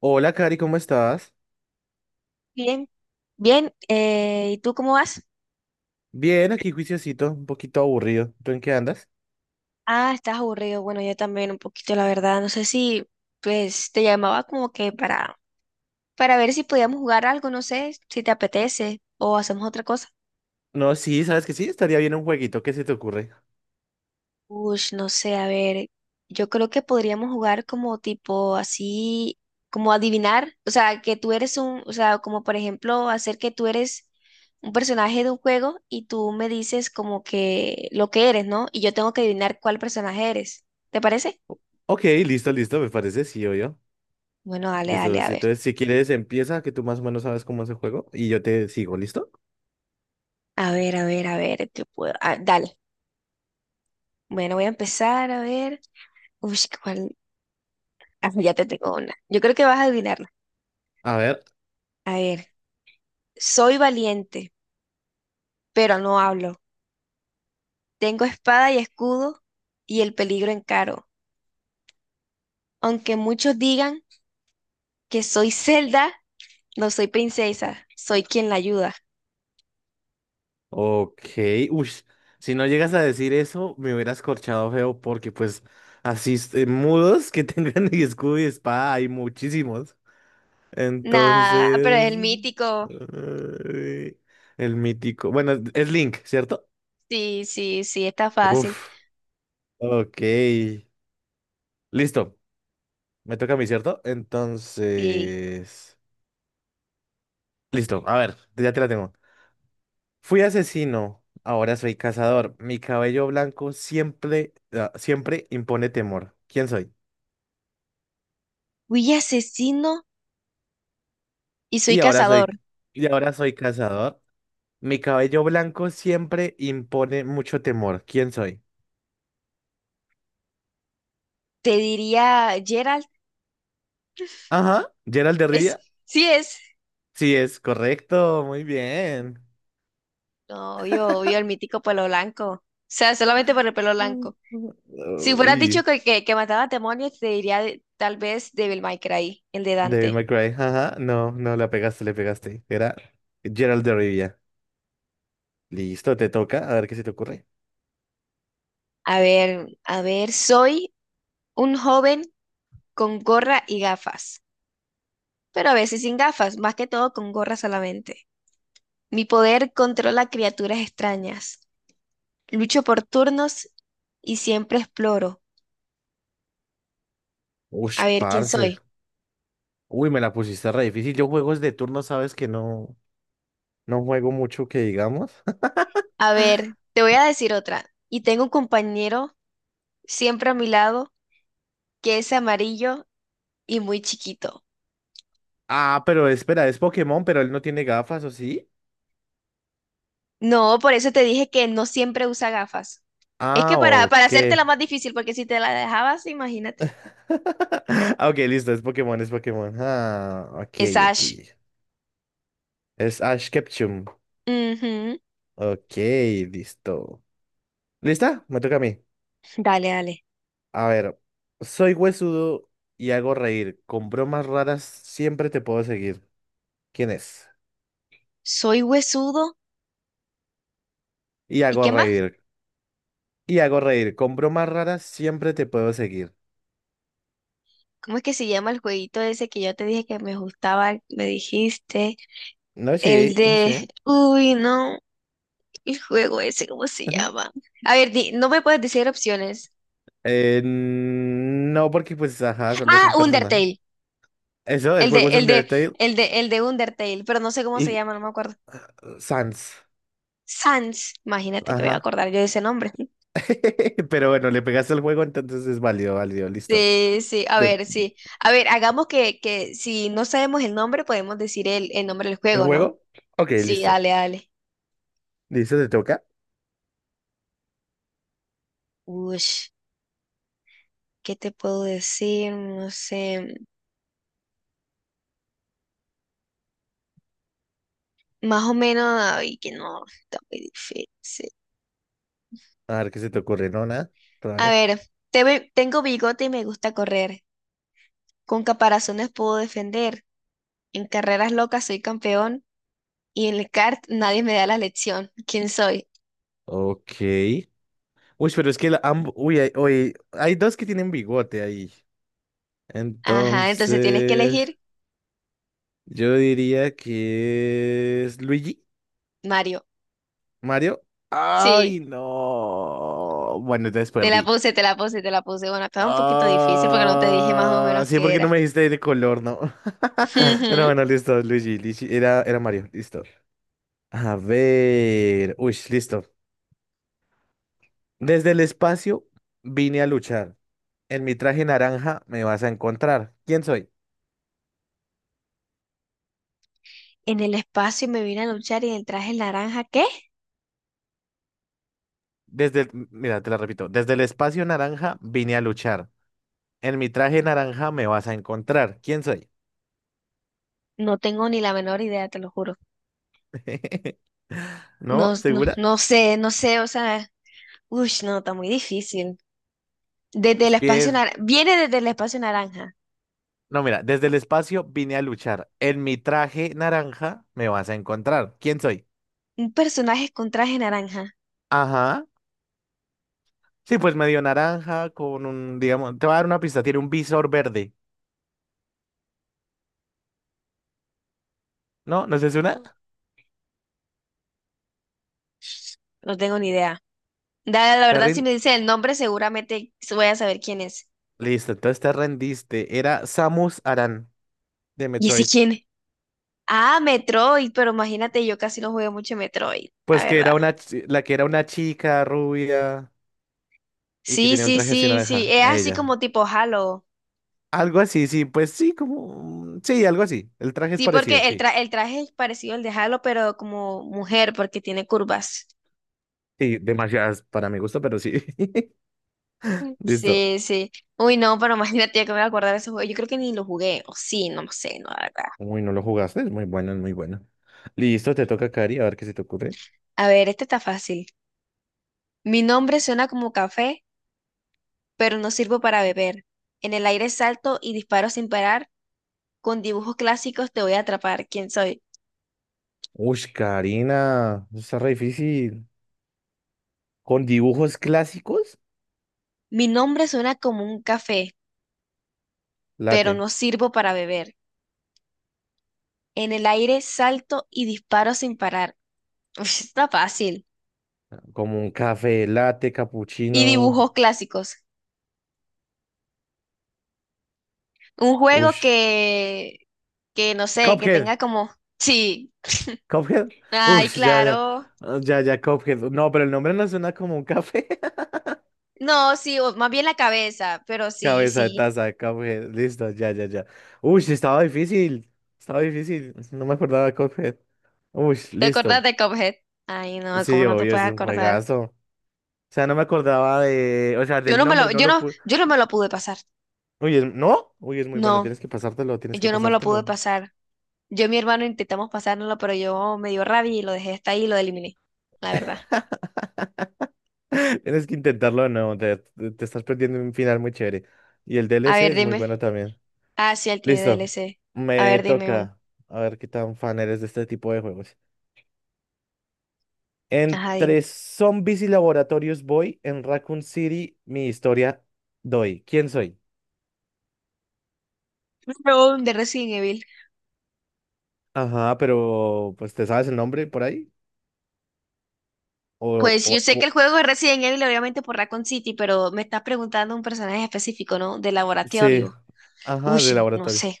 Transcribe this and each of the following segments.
Hola, Cari, ¿cómo estás? Bien, bien. ¿Y tú cómo vas? Bien, aquí juiciosito, un poquito aburrido. ¿Tú en qué andas? Ah, estás aburrido. Bueno, yo también un poquito, la verdad. No sé si, pues, te llamaba como que para ver si podíamos jugar algo, no sé, si te apetece o hacemos otra cosa. No, sí, ¿sabes que sí? Estaría bien un jueguito, ¿qué se te ocurre? Uy, no sé, a ver, yo creo que podríamos jugar como tipo así, como adivinar, o sea, que tú eres un, o sea, como por ejemplo, hacer que tú eres un personaje de un juego y tú me dices como que lo que eres, ¿no? Y yo tengo que adivinar cuál personaje eres. ¿Te parece? O- Ok, listo, listo, me parece, sí, yo. Bueno, dale, dale, Listo, a sí, ver. entonces si quieres empieza, que tú más o menos sabes cómo es el juego, y yo te sigo, ¿listo? A ver, a ver, a ver, ¿qué puedo? Ah, dale. Bueno, voy a empezar a ver. Uy, ¿cuál? Ah, ya te tengo una. Yo creo que vas a adivinarla. A ver, A ver, soy valiente, pero no hablo. Tengo espada y escudo y el peligro encaro. Aunque muchos digan que soy Zelda, no soy princesa, soy quien la ayuda. ok, uy, si no llegas a decir eso, me hubieras corchado feo, porque pues así, mudos que tengan escudo y espada, hay muchísimos. Nah, pero es Entonces, el mítico. eh, el mítico. Bueno, es Link, ¿cierto? Sí, sí, sí, está fácil. Uf, ok. Listo, me toca a mí, ¿cierto? Sí. Entonces, listo, a ver, ya te la tengo. Fui asesino, ahora soy cazador. Mi cabello blanco siempre, siempre impone temor. ¿Quién soy? Fui asesino y soy Y ahora cazador. soy, y ahora soy cazador. Mi cabello blanco siempre impone mucho temor. ¿Quién soy? Te diría Geralt. Ajá, Gerald de Es, Rivia. sí es. Sí, es correcto, muy bien. No, obvio, obvio, el mítico pelo blanco. O sea, solamente por el pelo blanco. Si hubieras Uy, dicho que mataba demonios, te diría tal vez Devil May Cry, el de Devil Dante. May Cry, ajá, no, no, la pegaste, le pegaste. Era Gerald de Rivia. Listo, te toca, a ver qué se te ocurre. A ver, soy un joven con gorra y gafas, pero a veces sin gafas, más que todo con gorra solamente. Mi poder controla criaturas extrañas. Lucho por turnos y siempre exploro. Ush, A ver, ¿quién parce. soy? Uy, me la pusiste re difícil. Yo juegos de turno, sabes que no, no juego mucho que digamos. A ver, te voy a decir otra. Y tengo un compañero siempre a mi lado, que es amarillo y muy chiquito. Ah, pero espera, es Pokémon, pero él no tiene gafas, ¿o sí? No, por eso te dije que no siempre usa gafas. Es Ah, que para ok. hacértela más difícil, porque si te la dejabas, imagínate. Ah, Ok, listo, es Pokémon, es Pokémon. Ah, ok, Es ok. Ash. Es Ash Ketchum. Ujú. Ok, listo. ¿Lista? Me toca a mí. Dale, dale. A ver, soy huesudo y hago reír. Con bromas raras siempre te puedo seguir. ¿Quién es? Soy huesudo. Y ¿Y hago qué más? reír. Y hago reír. Con bromas raras siempre te puedo seguir. ¿Cómo es que se llama el jueguito ese que yo te dije que me gustaba? Me dijiste. No sé, El no sé. de... Uy, no. El juego ese, ¿cómo se llama? A ver, no me puedes decir opciones. No, porque pues, ajá, solo es Ah, un personaje. Undertale. Eso, el El juego es de, el de, Undertale el de Undertale, pero no sé cómo se y llama, no me acuerdo. Sans. Sans, imagínate que voy a Ajá. acordar yo de ese nombre. Pero bueno, le pegaste el juego, entonces es válido, válido, listo. Sí, Te- sí. A ver, hagamos que si no sabemos el nombre, podemos decir el nombre del ¿El juego, ¿no? juego? Ok, Sí, listo. dale, dale. ¿Listo? ¿Te toca? Uy, ¿qué te puedo decir? No sé. Más o menos, ay, que no, está muy difícil. A ver qué se te ocurre, no, nada. A Todavía. ver, tengo bigote y me gusta correr. Con caparazones puedo defender. En carreras locas soy campeón. Y en el kart nadie me da la lección. ¿Quién soy? Ok. Uy, pero es que la, uy, hay dos que tienen bigote ahí. Ajá, entonces tienes que Entonces, elegir yo diría que es Luigi, Mario. Mario. Sí, Ay, no. Bueno, entonces te la perdí. puse, te la puse, te la puse. Bueno, estaba un poquito difícil porque no te dije más o Ah, menos sí, qué porque no era. me dijiste de color, ¿no? Pero Ujú. bueno, listo, Luigi, Luigi, era Mario, listo. A ver, uy, listo. Desde el espacio vine a luchar. En mi traje naranja me vas a encontrar. ¿Quién soy? En el espacio me vine a luchar y en el traje naranja, ¿qué? Mira, te la repito. Desde el espacio naranja vine a luchar. En mi traje naranja me vas a encontrar. ¿Quién soy? No tengo ni la menor idea, te lo juro. ¿No? No, no, ¿Segura? no sé, no sé, o sea, uy, no, está muy difícil. Desde el espacio Pies. naranja, viene desde el espacio naranja. No, mira, desde el espacio vine a luchar. En mi traje naranja me vas a encontrar. ¿Quién soy? Un personaje con traje naranja. Ajá. Sí, pues medio naranja con un, digamos, te voy a dar una pista, tiene un visor verde. ¿No? ¿No es una? No, no tengo ni idea. La ¿Te verdad, si rindo? me dice el nombre, seguramente voy a saber quién es. Listo, entonces te rendiste. Era Samus Aran de ¿Y ese Metroid. quién? Ah, Metroid, pero imagínate, yo casi no jugué mucho Metroid, la Pues que verdad. era una, la que era una chica rubia y que Sí, tenía un sí, traje así sí, sí, naranja. es así Ella. como tipo Halo. Algo así, sí, pues sí, como. Sí, algo así. El traje es Sí, parecido, porque sí. El traje es parecido al de Halo, pero como mujer, porque tiene curvas. Sí, demasiadas para mi gusto, pero sí. Listo. Sí, sí. Uy, no, pero imagínate que me voy a acordar de ese juego. Yo creo que ni lo jugué, o sí, no lo sé, no, la verdad. Uy, no lo jugaste, es muy bueno, es muy bueno. Listo, te toca, Cari, a ver qué se te ocurre. A ver, este está fácil. Mi nombre suena como café, pero no sirvo para beber. En el aire salto y disparo sin parar. Con dibujos clásicos te voy a atrapar. ¿Quién soy? Uy, Karina, eso está re difícil. ¿Con dibujos clásicos? Mi nombre suena como un café, pero Late, no sirvo para beber. En el aire salto y disparo sin parar. Uf, está fácil. como un café, latte, Y capuchino. dibujos clásicos. Un juego Ush. Que no sé, que Cuphead. tenga como... Sí. Cuphead. Ay, Ush, ya, ya. claro. Ya, ya, Cuphead. No, pero el nombre no suena como un café. No, sí, o más bien la cabeza, pero sí, Cabeza de sí. taza, Cuphead. Listo, ya, ya, ya. Ush, estaba difícil. Estaba difícil. No me acordaba de Cuphead. Ush, ¿Te acordás listo. de Cuphead? Ay, no, ¿cómo Sí, no te obvio, puedes ese es un acordar? juegazo. O sea, no me acordaba de. O sea, del nombre, no lo pude. Yo no me lo pude pasar. Uy, ¿no? Uy, es muy bueno. No, Tienes que pasártelo, tienes que yo no me lo pude pasártelo. pasar. Yo y mi hermano intentamos pasárnoslo, pero yo me dio rabia y lo dejé hasta ahí y lo eliminé, la verdad. Tienes que intentarlo, no. Te estás perdiendo un final muy chévere. Y el D L A C ver, es muy dime. bueno también. Ah, sí, él tiene Listo, DLC. A me ver, dime uno. toca. A ver qué tan fan eres de este tipo de juegos. Ajá, dime. Entre zombies y laboratorios voy, en Raccoon City mi historia doy. ¿Quién soy? No, de Resident Evil. Ajá, pero pues ¿te sabes el nombre por ahí? O, Pues o- yo sé que el o- juego es Resident Evil, obviamente por Raccoon City, pero me estás preguntando un personaje específico, ¿no? De sí, laboratorio. ajá, de Uy, no laboratorio. sé.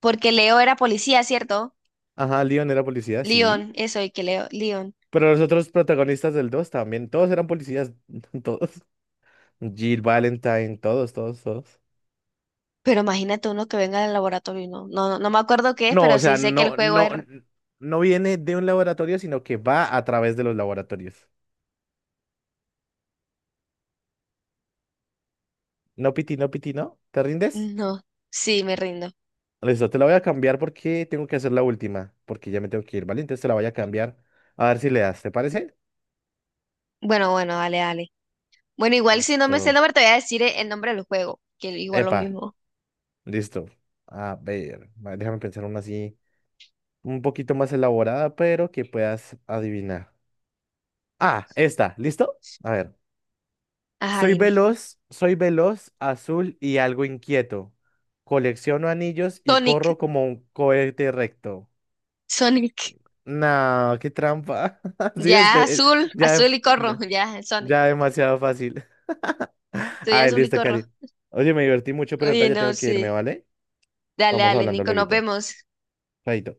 Porque Leo era policía, ¿cierto? Ajá, Leon era policía, sí. Leon, eso, Leon. Pero los otros protagonistas del 2 también, todos eran policías, todos. Jill Valentine, todos, todos, todos. Pero imagínate uno que venga del laboratorio, no, no, no, no me acuerdo qué es, No, pero o sí sea, sé que el no, juego no, es... no viene de un laboratorio, sino que va a través de los laboratorios. No, Piti, no, Piti, ¿no? ¿Te rindes? No, sí, me rindo. Listo, te la voy a cambiar porque tengo que hacer la última, porque ya me tengo que ir, ¿vale? Entonces te la voy a cambiar. A ver si le das, ¿te parece? Bueno, bueno, dale, dale. Bueno, igual si no me sé el Listo. nombre, te voy a decir el nombre del juego, que igual lo Epa, mismo. listo. A ver, va, déjame pensar una así, un poquito más elaborada, pero que puedas adivinar. Ah, esta, ¿listo? A ver. Ajá, dime. Soy veloz, azul y algo inquieto. Colecciono anillos y Sonic, corro como un cohete recto. Sonic. No, qué trampa. Sí, Ya, este, azul, ya, azul y corro. ya, Ya, Sonic. ya demasiado fácil. Soy Ah, azul y listo, corro. Cari. Oye, me divertí mucho, pero ahorita Oye, ya no, tengo que irme, sí. ¿vale? Dale, Vamos dale, hablando Nico, nos luego. vemos. Chaito.